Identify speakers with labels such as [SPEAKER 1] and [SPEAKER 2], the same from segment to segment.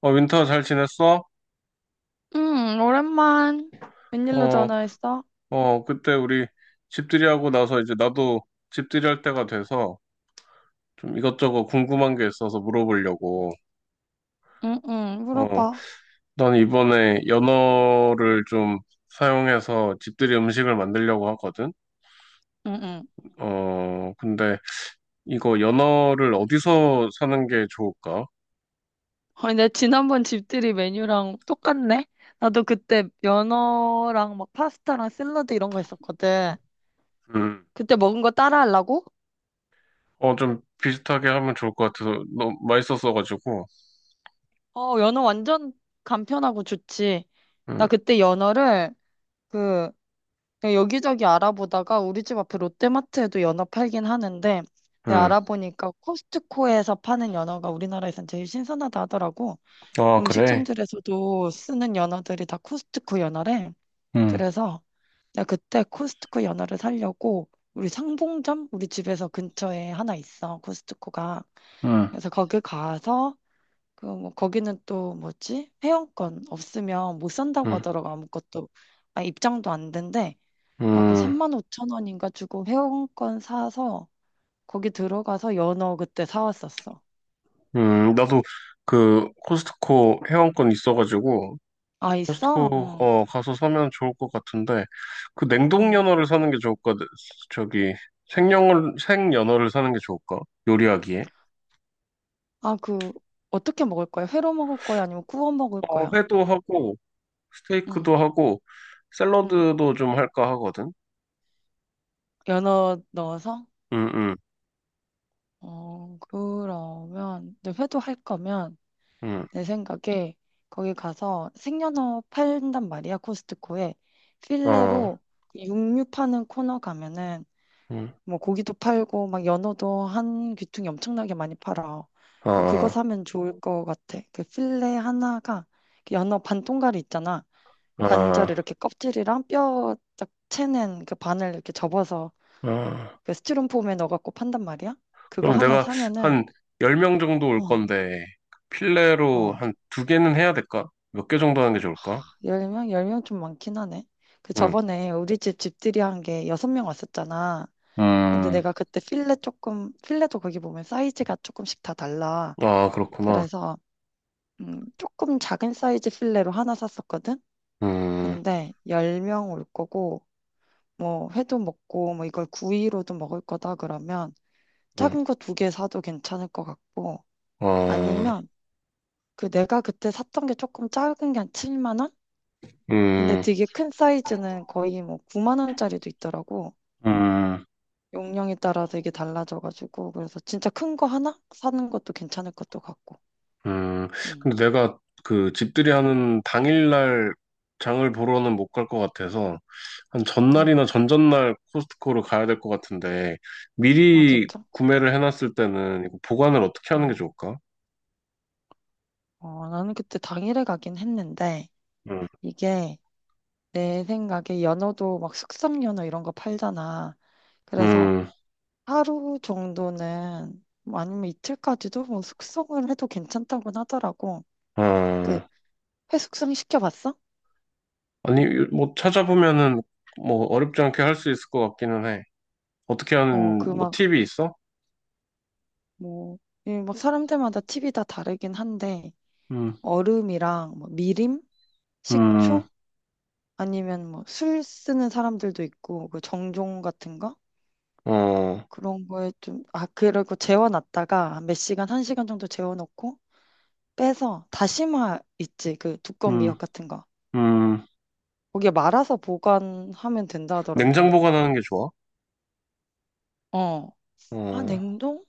[SPEAKER 1] 윈터 잘 지냈어?
[SPEAKER 2] 응, 오랜만. 웬일로
[SPEAKER 1] 어,
[SPEAKER 2] 전화했어?
[SPEAKER 1] 그때 우리 집들이하고 나서 이제 나도 집들이 할 때가 돼서 좀 이것저것 궁금한 게 있어서 물어보려고.
[SPEAKER 2] 응, 응,
[SPEAKER 1] 어,
[SPEAKER 2] 물어봐.
[SPEAKER 1] 난 이번에 연어를 좀 사용해서 집들이 음식을 만들려고 하거든.
[SPEAKER 2] 응, 응.
[SPEAKER 1] 근데 이거 연어를 어디서 사는 게 좋을까?
[SPEAKER 2] 아니, 내 지난번 집들이 메뉴랑 똑같네? 나도 그때 연어랑 막 파스타랑 샐러드 이런 거 했었거든.
[SPEAKER 1] 음,
[SPEAKER 2] 그때 먹은 거 따라 하려고?
[SPEAKER 1] 좀 비슷하게 하면 좋을 것 같아서 너무 맛있었어가지고.
[SPEAKER 2] 어, 연어 완전 간편하고 좋지.
[SPEAKER 1] 음,
[SPEAKER 2] 나 그때 연어를 그 그냥 여기저기 알아보다가 우리 집 앞에 롯데마트에도 연어 팔긴 하는데 내가
[SPEAKER 1] 음.
[SPEAKER 2] 알아보니까 코스트코에서 파는 연어가 우리나라에선 제일 신선하다 하더라고.
[SPEAKER 1] 아, 그래?
[SPEAKER 2] 음식점들에서도 쓰는 연어들이 다 코스트코 연어래.
[SPEAKER 1] 음,
[SPEAKER 2] 그래서 내가 그때 코스트코 연어를 사려고 우리 상봉점 우리 집에서 근처에 하나 있어. 코스트코가.
[SPEAKER 1] 음,
[SPEAKER 2] 그래서 거기 가서 그 뭐 거기는 또 뭐지? 회원권 없으면 못 산다고
[SPEAKER 1] 음.
[SPEAKER 2] 하더라고 아무것도. 아 입장도 안 된대. 하고
[SPEAKER 1] 음.
[SPEAKER 2] 3만 5천 원인가 주고 회원권 사서 거기 들어가서 연어 그때 사왔었어.
[SPEAKER 1] 나도 그 코스트코 회원권 있어가지고
[SPEAKER 2] 아 있어?
[SPEAKER 1] 코스트코
[SPEAKER 2] 응.
[SPEAKER 1] 가서 사면 좋을 것 같은데 그 냉동
[SPEAKER 2] 응.
[SPEAKER 1] 연어를 사는 게 좋을까? 저기 생영을 생 연어를 사는 게 좋을까? 요리하기에.
[SPEAKER 2] 아, 그, 어떻게 먹을 거야? 회로 먹을 거야? 아니면 구워 먹을 거야?
[SPEAKER 1] 회도 하고
[SPEAKER 2] 응,
[SPEAKER 1] 스테이크도 하고
[SPEAKER 2] 응.
[SPEAKER 1] 샐러드도 좀 할까 하거든.
[SPEAKER 2] 연어 넣어서?
[SPEAKER 1] 음,
[SPEAKER 2] 어, 그러면, 근데 회도 할 거면,
[SPEAKER 1] 음,
[SPEAKER 2] 내 생각에, 거기 가서 생연어 팔단 말이야, 코스트코에.
[SPEAKER 1] 아,
[SPEAKER 2] 필레로 육류 파는 코너 가면은,
[SPEAKER 1] 음.
[SPEAKER 2] 뭐, 고기도 팔고, 막, 연어도 한 귀퉁이 엄청나게 많이 팔아. 그거
[SPEAKER 1] 아,
[SPEAKER 2] 사면 좋을 것 같아. 그 필레 하나가, 그 연어 반 통갈이 있잖아.
[SPEAKER 1] 응
[SPEAKER 2] 반절
[SPEAKER 1] 아,
[SPEAKER 2] 이렇게 껍질이랑 뼈 쫙 채는 그 반을 이렇게 접어서
[SPEAKER 1] 아, 아.
[SPEAKER 2] 그 스티로폼에 넣어갖고 판단 말이야? 그거
[SPEAKER 1] 그럼
[SPEAKER 2] 하나
[SPEAKER 1] 내가
[SPEAKER 2] 사면은,
[SPEAKER 1] 한 10명 정도 올
[SPEAKER 2] 응,
[SPEAKER 1] 건데, 필레로
[SPEAKER 2] 어,
[SPEAKER 1] 한 두 개는 해야 될까? 몇 개 정도 하는 게 좋을까?
[SPEAKER 2] 10명? 10명 좀 많긴 하네. 그
[SPEAKER 1] 응.
[SPEAKER 2] 저번에 우리 집 집들이 한 게 6명 왔었잖아. 근데
[SPEAKER 1] 음,
[SPEAKER 2] 내가 그때 필레 조금, 필레도 거기 보면 사이즈가 조금씩 다 달라.
[SPEAKER 1] 아, 그렇구나.
[SPEAKER 2] 그래서, 조금 작은 사이즈 필레로 하나 샀었거든?
[SPEAKER 1] 음,
[SPEAKER 2] 근데 10명 올 거고, 뭐 회도 먹고 뭐 이걸 구이로도 먹을 거다 그러면
[SPEAKER 1] 음,
[SPEAKER 2] 작은 거 두 개 사도 괜찮을 것 같고,
[SPEAKER 1] 어,
[SPEAKER 2] 아니면 그 내가 그때 샀던 게 조금 작은 게 한 7만 원? 근데
[SPEAKER 1] 음,
[SPEAKER 2] 되게 큰 사이즈는 거의 뭐 9만 원짜리도 있더라고.
[SPEAKER 1] 음,
[SPEAKER 2] 용량에 따라 되게 달라져가지고 그래서 진짜 큰 거 하나 사는 것도 괜찮을 것도 같고.
[SPEAKER 1] 음.
[SPEAKER 2] 음,
[SPEAKER 1] 근데 내가 그 집들이 하는 당일날 장을 보러는 못 갈 것 같아서, 한
[SPEAKER 2] 음,
[SPEAKER 1] 전날이나 전전날 코스트코를 가야 될 것 같은데,
[SPEAKER 2] 아
[SPEAKER 1] 미리
[SPEAKER 2] 진짜?
[SPEAKER 1] 구매를 해놨을 때는 이거 보관을 어떻게 하는 게
[SPEAKER 2] 음.
[SPEAKER 1] 좋을까?
[SPEAKER 2] 어, 나는 그때 당일에 가긴 했는데
[SPEAKER 1] 음,
[SPEAKER 2] 이게 내 생각에 연어도 막 숙성 연어 이런 거 팔잖아. 그래서
[SPEAKER 1] 음,
[SPEAKER 2] 하루 정도는 뭐 아니면 이틀까지도 뭐 숙성을 해도 괜찮다고는 하더라고. 그
[SPEAKER 1] 어.
[SPEAKER 2] 회숙성 시켜봤어?
[SPEAKER 1] 아니, 뭐 찾아보면은 뭐 어렵지 않게 할 수 있을 것 같기는 해. 어떻게
[SPEAKER 2] 어,
[SPEAKER 1] 하는
[SPEAKER 2] 그
[SPEAKER 1] 뭐
[SPEAKER 2] 막
[SPEAKER 1] 팁이 있어?
[SPEAKER 2] 뭐, 이 막 사람들마다 팁이 다 다르긴 한데
[SPEAKER 1] 음,
[SPEAKER 2] 얼음이랑 뭐 미림,
[SPEAKER 1] 음,
[SPEAKER 2] 식초 아니면 뭐 술 쓰는 사람들도 있고 그 정종 같은 거
[SPEAKER 1] 어,
[SPEAKER 2] 그런 거에 좀 아 그리고 재워놨다가 한몇 시간 한 시간 정도 재워놓고 빼서 다시마 있지 그 두꺼운 미역
[SPEAKER 1] 음,
[SPEAKER 2] 같은 거
[SPEAKER 1] 음.
[SPEAKER 2] 거기에 말아서 보관하면 된다
[SPEAKER 1] 냉장
[SPEAKER 2] 하더라고.
[SPEAKER 1] 보관하는 게 좋아.
[SPEAKER 2] 어. 아,
[SPEAKER 1] 어,
[SPEAKER 2] 냉동?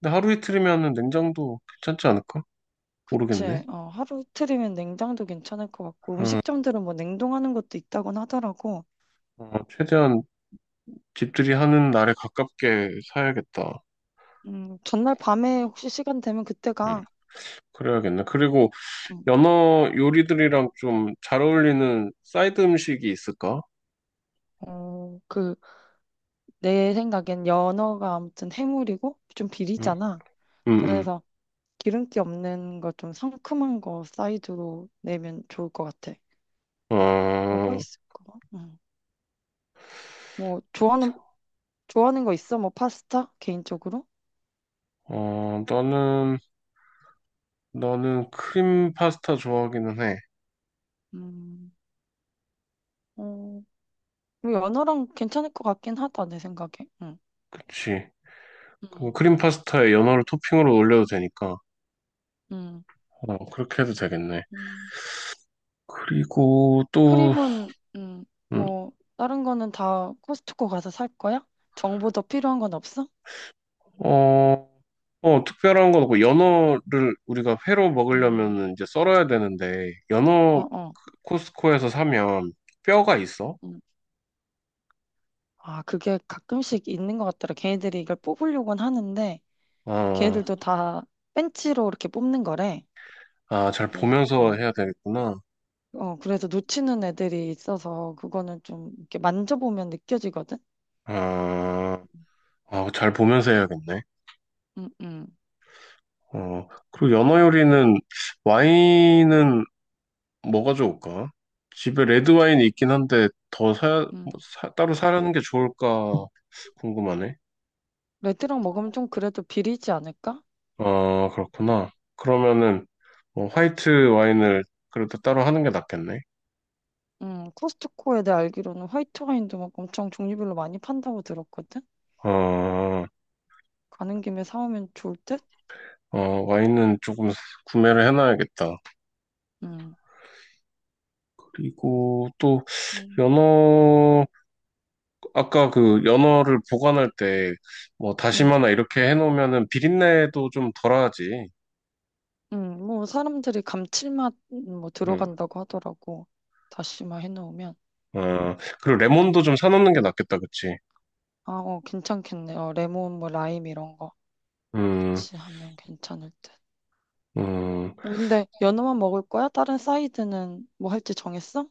[SPEAKER 1] 근데 하루 이틀이면은 냉장도 괜찮지 않을까?
[SPEAKER 2] 그치.
[SPEAKER 1] 모르겠네.
[SPEAKER 2] 어, 하루 이틀이면 냉장도 괜찮을 것 같고,
[SPEAKER 1] 어,
[SPEAKER 2] 음식점들은 뭐 냉동하는 것도 있다곤 하더라고.
[SPEAKER 1] 최대한 집들이 하는 날에 가깝게 사야겠다.
[SPEAKER 2] 전날 밤에 혹시 시간 되면
[SPEAKER 1] 음,
[SPEAKER 2] 그때가,
[SPEAKER 1] 그래야겠네. 그리고
[SPEAKER 2] 음,
[SPEAKER 1] 연어 요리들이랑 좀 잘 어울리는 사이드 음식이 있을까?
[SPEAKER 2] 어, 그, 내 생각엔 연어가 아무튼 해물이고, 좀
[SPEAKER 1] 음,
[SPEAKER 2] 비리잖아.
[SPEAKER 1] 음,
[SPEAKER 2] 그래서 기름기 없는 거 좀 상큼한 거 사이드로 내면 좋을 것 같아.
[SPEAKER 1] 음.
[SPEAKER 2] 뭐가
[SPEAKER 1] 어,
[SPEAKER 2] 있을까? 음. 뭐, 좋아하는 거 있어? 뭐, 파스타? 개인적으로?
[SPEAKER 1] 어, 나는 나는 크림 파스타 좋아하기는 해.
[SPEAKER 2] 음, 어, 뭐 연어랑 괜찮을 것 같긴 하다, 내 생각에. 응.
[SPEAKER 1] 그치. 그
[SPEAKER 2] 응.
[SPEAKER 1] 크림 파스타에 연어를 토핑으로 올려도 되니까.
[SPEAKER 2] 응.
[SPEAKER 1] 그렇게 해도 되겠네.
[SPEAKER 2] 음.
[SPEAKER 1] 그리고 또,
[SPEAKER 2] 크림은,
[SPEAKER 1] 음,
[SPEAKER 2] 뭐, 다른 거는 다 코스트코 가서 살 거야? 정보 더 필요한 건 없어?
[SPEAKER 1] 어, 특별한 건 없고, 연어를 우리가 회로
[SPEAKER 2] 음,
[SPEAKER 1] 먹으려면 이제 썰어야 되는데,
[SPEAKER 2] 어,
[SPEAKER 1] 연어
[SPEAKER 2] 어.
[SPEAKER 1] 코스코에서 사면 뼈가 있어?
[SPEAKER 2] 음. 아, 그게 가끔씩 있는 것 같더라. 걔네들이 이걸 뽑으려고는 하는데,
[SPEAKER 1] 아,
[SPEAKER 2] 걔네들도 다 벤치로 이렇게 뽑는 거래.
[SPEAKER 1] 아, 잘 보면서
[SPEAKER 2] 어,
[SPEAKER 1] 해야 되겠구나.
[SPEAKER 2] 어, 그래서 놓치는 애들이 있어서, 그거는 좀 이렇게 만져보면 느껴지거든?
[SPEAKER 1] 아, 아, 잘 보면서 해야겠네.
[SPEAKER 2] 응, 응,
[SPEAKER 1] 그리고 연어 요리는 와인은 뭐가 좋을까? 집에 레드 와인이 있긴 한데 더 사야 뭐
[SPEAKER 2] 응.
[SPEAKER 1] 따로 사려는 게 좋을까 궁금하네.
[SPEAKER 2] 레드랑 먹으면 좀 그래도 비리지 않을까?
[SPEAKER 1] 아 그렇구나. 그러면은 뭐 화이트 와인을 그래도 따로 하는 게 낫겠네.
[SPEAKER 2] 코스트코에 내가 알기로는 화이트 와인도 막 엄청 종류별로 많이 판다고 들었거든?
[SPEAKER 1] 아,
[SPEAKER 2] 가는 김에 사오면 좋을 듯?
[SPEAKER 1] 어, 와인은 조금 구매를 해놔야겠다.
[SPEAKER 2] 음,
[SPEAKER 1] 그리고 또
[SPEAKER 2] 음.
[SPEAKER 1] 연어 아까 그 연어를 보관할 때 뭐
[SPEAKER 2] 음,
[SPEAKER 1] 다시마나 이렇게 해놓으면은 비린내도 좀 덜하지.
[SPEAKER 2] 뭐 사람들이 감칠맛 뭐
[SPEAKER 1] 응.
[SPEAKER 2] 들어간다고 하더라고. 다시마 해놓으면.
[SPEAKER 1] 아 그리고 레몬도
[SPEAKER 2] 음.
[SPEAKER 1] 좀 사놓는 게 낫겠다, 그치?
[SPEAKER 2] 아, 어, 괜찮겠네. 어, 레몬, 뭐 라임 이런 거
[SPEAKER 1] 음.
[SPEAKER 2] 같이 하면 괜찮을 듯.
[SPEAKER 1] 음,
[SPEAKER 2] 근데 연어만 먹을 거야? 다른 사이드는 뭐 할지 정했어?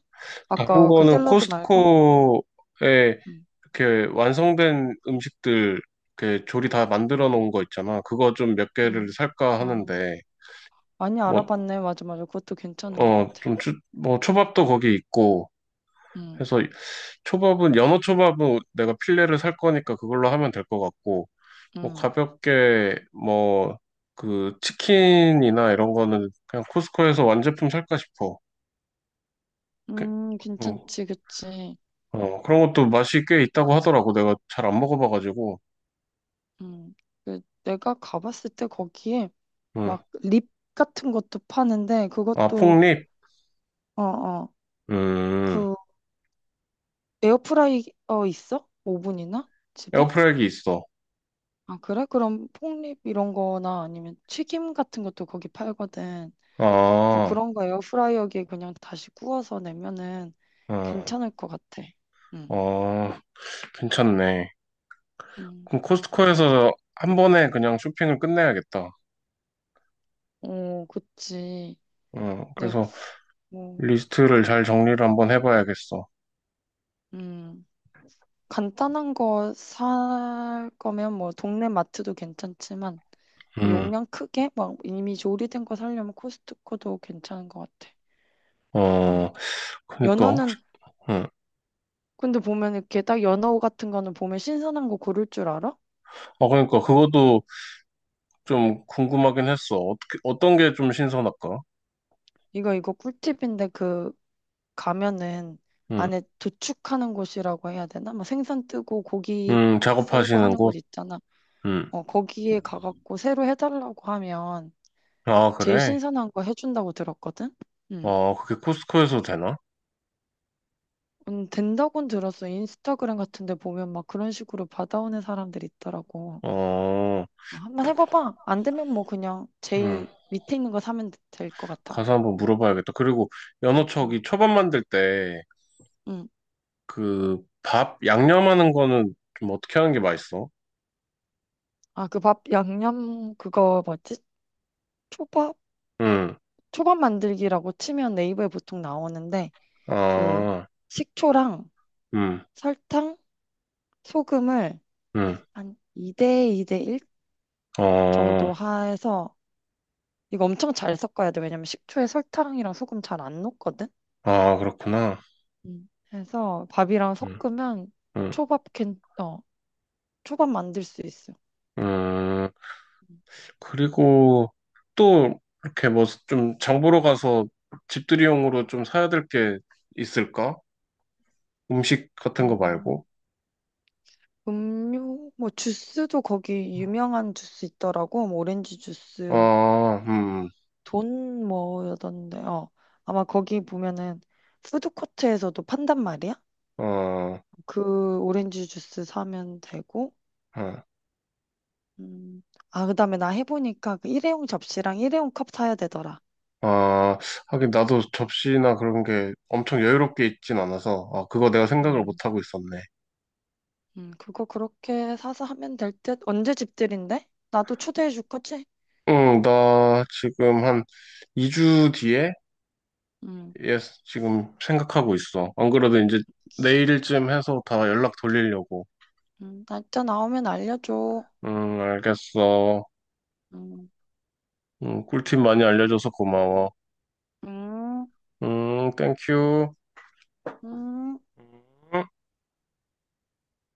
[SPEAKER 1] 다른
[SPEAKER 2] 아까 그
[SPEAKER 1] 거는
[SPEAKER 2] 샐러드 말고?
[SPEAKER 1] 코스트코에
[SPEAKER 2] 응
[SPEAKER 1] 이렇게 완성된 음식들, 이렇게 조리 다 만들어 놓은 거 있잖아. 그거 좀 몇 개를
[SPEAKER 2] 응.
[SPEAKER 1] 살까
[SPEAKER 2] 아,
[SPEAKER 1] 하는데,
[SPEAKER 2] 많이
[SPEAKER 1] 뭐,
[SPEAKER 2] 알아봤네. 맞아, 맞아. 그것도 괜찮은 것 같아.
[SPEAKER 1] 좀, 뭐, 초밥도 거기 있고,
[SPEAKER 2] 응.
[SPEAKER 1] 해서 초밥은, 연어 초밥은 내가 필레를 살 거니까 그걸로 하면 될 것 같고, 뭐,
[SPEAKER 2] 음,
[SPEAKER 1] 가볍게, 뭐, 그, 치킨이나 이런 거는 그냥 코스트코에서 완제품 살까 싶어. 그, 음.
[SPEAKER 2] 괜찮지, 그치.
[SPEAKER 1] 그런 것도 맛이 꽤 있다고 하더라고. 내가 잘 안 먹어봐가지고.
[SPEAKER 2] 음, 그 내가 가봤을 때 거기에
[SPEAKER 1] 응.
[SPEAKER 2] 막 립 같은 것도 파는데
[SPEAKER 1] 아,
[SPEAKER 2] 그것도
[SPEAKER 1] 폭립?
[SPEAKER 2] 어, 어,
[SPEAKER 1] 음,
[SPEAKER 2] 그 에어프라이어 있어? 오븐이나 집에?
[SPEAKER 1] 에어프라이기 있어.
[SPEAKER 2] 아, 그래? 그럼 폭립 이런 거나 아니면 튀김 같은 것도 거기 팔거든. 그래서
[SPEAKER 1] 아,
[SPEAKER 2] 그런 거 에어프라이어기에 그냥 다시 구워서 내면은
[SPEAKER 1] 응.
[SPEAKER 2] 괜찮을 것 같아. 응,
[SPEAKER 1] 어, 괜찮네.
[SPEAKER 2] 음.
[SPEAKER 1] 그럼 코스트코에서 한 번에 그냥 쇼핑을 끝내야겠다.
[SPEAKER 2] 오, 그치.
[SPEAKER 1] 응.
[SPEAKER 2] 네,
[SPEAKER 1] 그래서
[SPEAKER 2] 뭐,
[SPEAKER 1] 리스트를 잘 정리를 한번 해봐야겠어.
[SPEAKER 2] 음. 간단한 거 살 거면 뭐 동네 마트도 괜찮지만
[SPEAKER 1] 음,
[SPEAKER 2] 용량 크게 막 이미 조리된 거 사려면 코스트코도 괜찮은 것 같아.
[SPEAKER 1] 어,
[SPEAKER 2] 음.
[SPEAKER 1] 그니까, 혹시,
[SPEAKER 2] 연어는
[SPEAKER 1] 응.
[SPEAKER 2] 근데 보면 이렇게 딱 연어 같은 거는 보면 신선한 거 고를 줄 알아?
[SPEAKER 1] 아, 그니까, 그것도 좀 궁금하긴 했어. 어떻게, 어떤 게 좀 신선할까?
[SPEAKER 2] 이거 꿀팁인데 그 가면은
[SPEAKER 1] 응.
[SPEAKER 2] 안에 도축하는 곳이라고 해야 되나? 막 생선 뜨고 고기 썰고
[SPEAKER 1] 작업하시는
[SPEAKER 2] 하는 곳
[SPEAKER 1] 곳?
[SPEAKER 2] 있잖아.
[SPEAKER 1] 응.
[SPEAKER 2] 어, 거기에 가갖고 새로 해달라고 하면
[SPEAKER 1] 아,
[SPEAKER 2] 제일
[SPEAKER 1] 그래?
[SPEAKER 2] 신선한 거 해준다고 들었거든? 음.
[SPEAKER 1] 아, 그게 코스코에서 되나?
[SPEAKER 2] 된다고는 들었어. 인스타그램 같은 데 보면 막 그런 식으로 받아오는 사람들이 있더라고.
[SPEAKER 1] 어,
[SPEAKER 2] 아, 한번 해봐봐. 안 되면 뭐 그냥
[SPEAKER 1] 음,
[SPEAKER 2] 제일 밑에 있는 거 사면 될 것 같아.
[SPEAKER 1] 가서 한번 물어봐야겠다. 그리고
[SPEAKER 2] 응
[SPEAKER 1] 연어척이 초밥 만들 때
[SPEAKER 2] 응.
[SPEAKER 1] 그 밥 양념하는 거는 좀 어떻게 하는 게 맛있어?
[SPEAKER 2] 아, 그 밥 양념 그거 뭐지? 초밥?
[SPEAKER 1] 음,
[SPEAKER 2] 초밥 만들기라고 치면 네이버에 보통 나오는데 그
[SPEAKER 1] 아,
[SPEAKER 2] 식초랑
[SPEAKER 1] 음,
[SPEAKER 2] 설탕, 소금을
[SPEAKER 1] 음,
[SPEAKER 2] 한 2대 2대 1
[SPEAKER 1] 어,
[SPEAKER 2] 정도 해서 이거 엄청 잘 섞어야 돼. 왜냐면 식초에 설탕이랑 소금 잘 안 녹거든.
[SPEAKER 1] 아, 그렇구나.
[SPEAKER 2] 음. 해서 밥이랑
[SPEAKER 1] 음,
[SPEAKER 2] 섞으면
[SPEAKER 1] 음,
[SPEAKER 2] 초밥 캔, 어, 초밥 만들 수 있어.
[SPEAKER 1] 음. 그리고 또 이렇게 뭐 좀 장보러 가서 집들이용으로 좀 사야 될 게 있을까? 음식 같은 거
[SPEAKER 2] 음,
[SPEAKER 1] 말고.
[SPEAKER 2] 음료, 뭐 주스도 거기 유명한 주스 있더라고. 뭐 오렌지 주스,
[SPEAKER 1] 아,
[SPEAKER 2] 돈 뭐였던데, 어. 아마 거기 보면은 푸드코트에서도 판단 말이야.
[SPEAKER 1] 어,
[SPEAKER 2] 그 오렌지 주스 사면 되고.
[SPEAKER 1] 어.
[SPEAKER 2] 음. 아, 그다음에 나 해보니까 그 일회용 접시랑 일회용 컵 사야 되더라.
[SPEAKER 1] 아, 하긴 나도 접시나 그런 게 엄청 여유롭게 있진 않아서, 아, 그거 내가 생각을 못 하고 있었네.
[SPEAKER 2] 그거 그렇게 사서 하면 될 듯. 언제 집들인데? 나도 초대해 줄 거지?
[SPEAKER 1] 응, 나 지금 한 2주 뒤에,
[SPEAKER 2] 음,
[SPEAKER 1] 예, 지금 생각하고 있어. 안 그래도 이제 내일쯤 해서 다 연락 돌리려고.
[SPEAKER 2] 날짜 나오면 알려줘.
[SPEAKER 1] 응, 알겠어.
[SPEAKER 2] 음.
[SPEAKER 1] 응, 꿀팁 많이 알려줘서 고마워.
[SPEAKER 2] 음,
[SPEAKER 1] 응, 땡큐.
[SPEAKER 2] 음.
[SPEAKER 1] 음.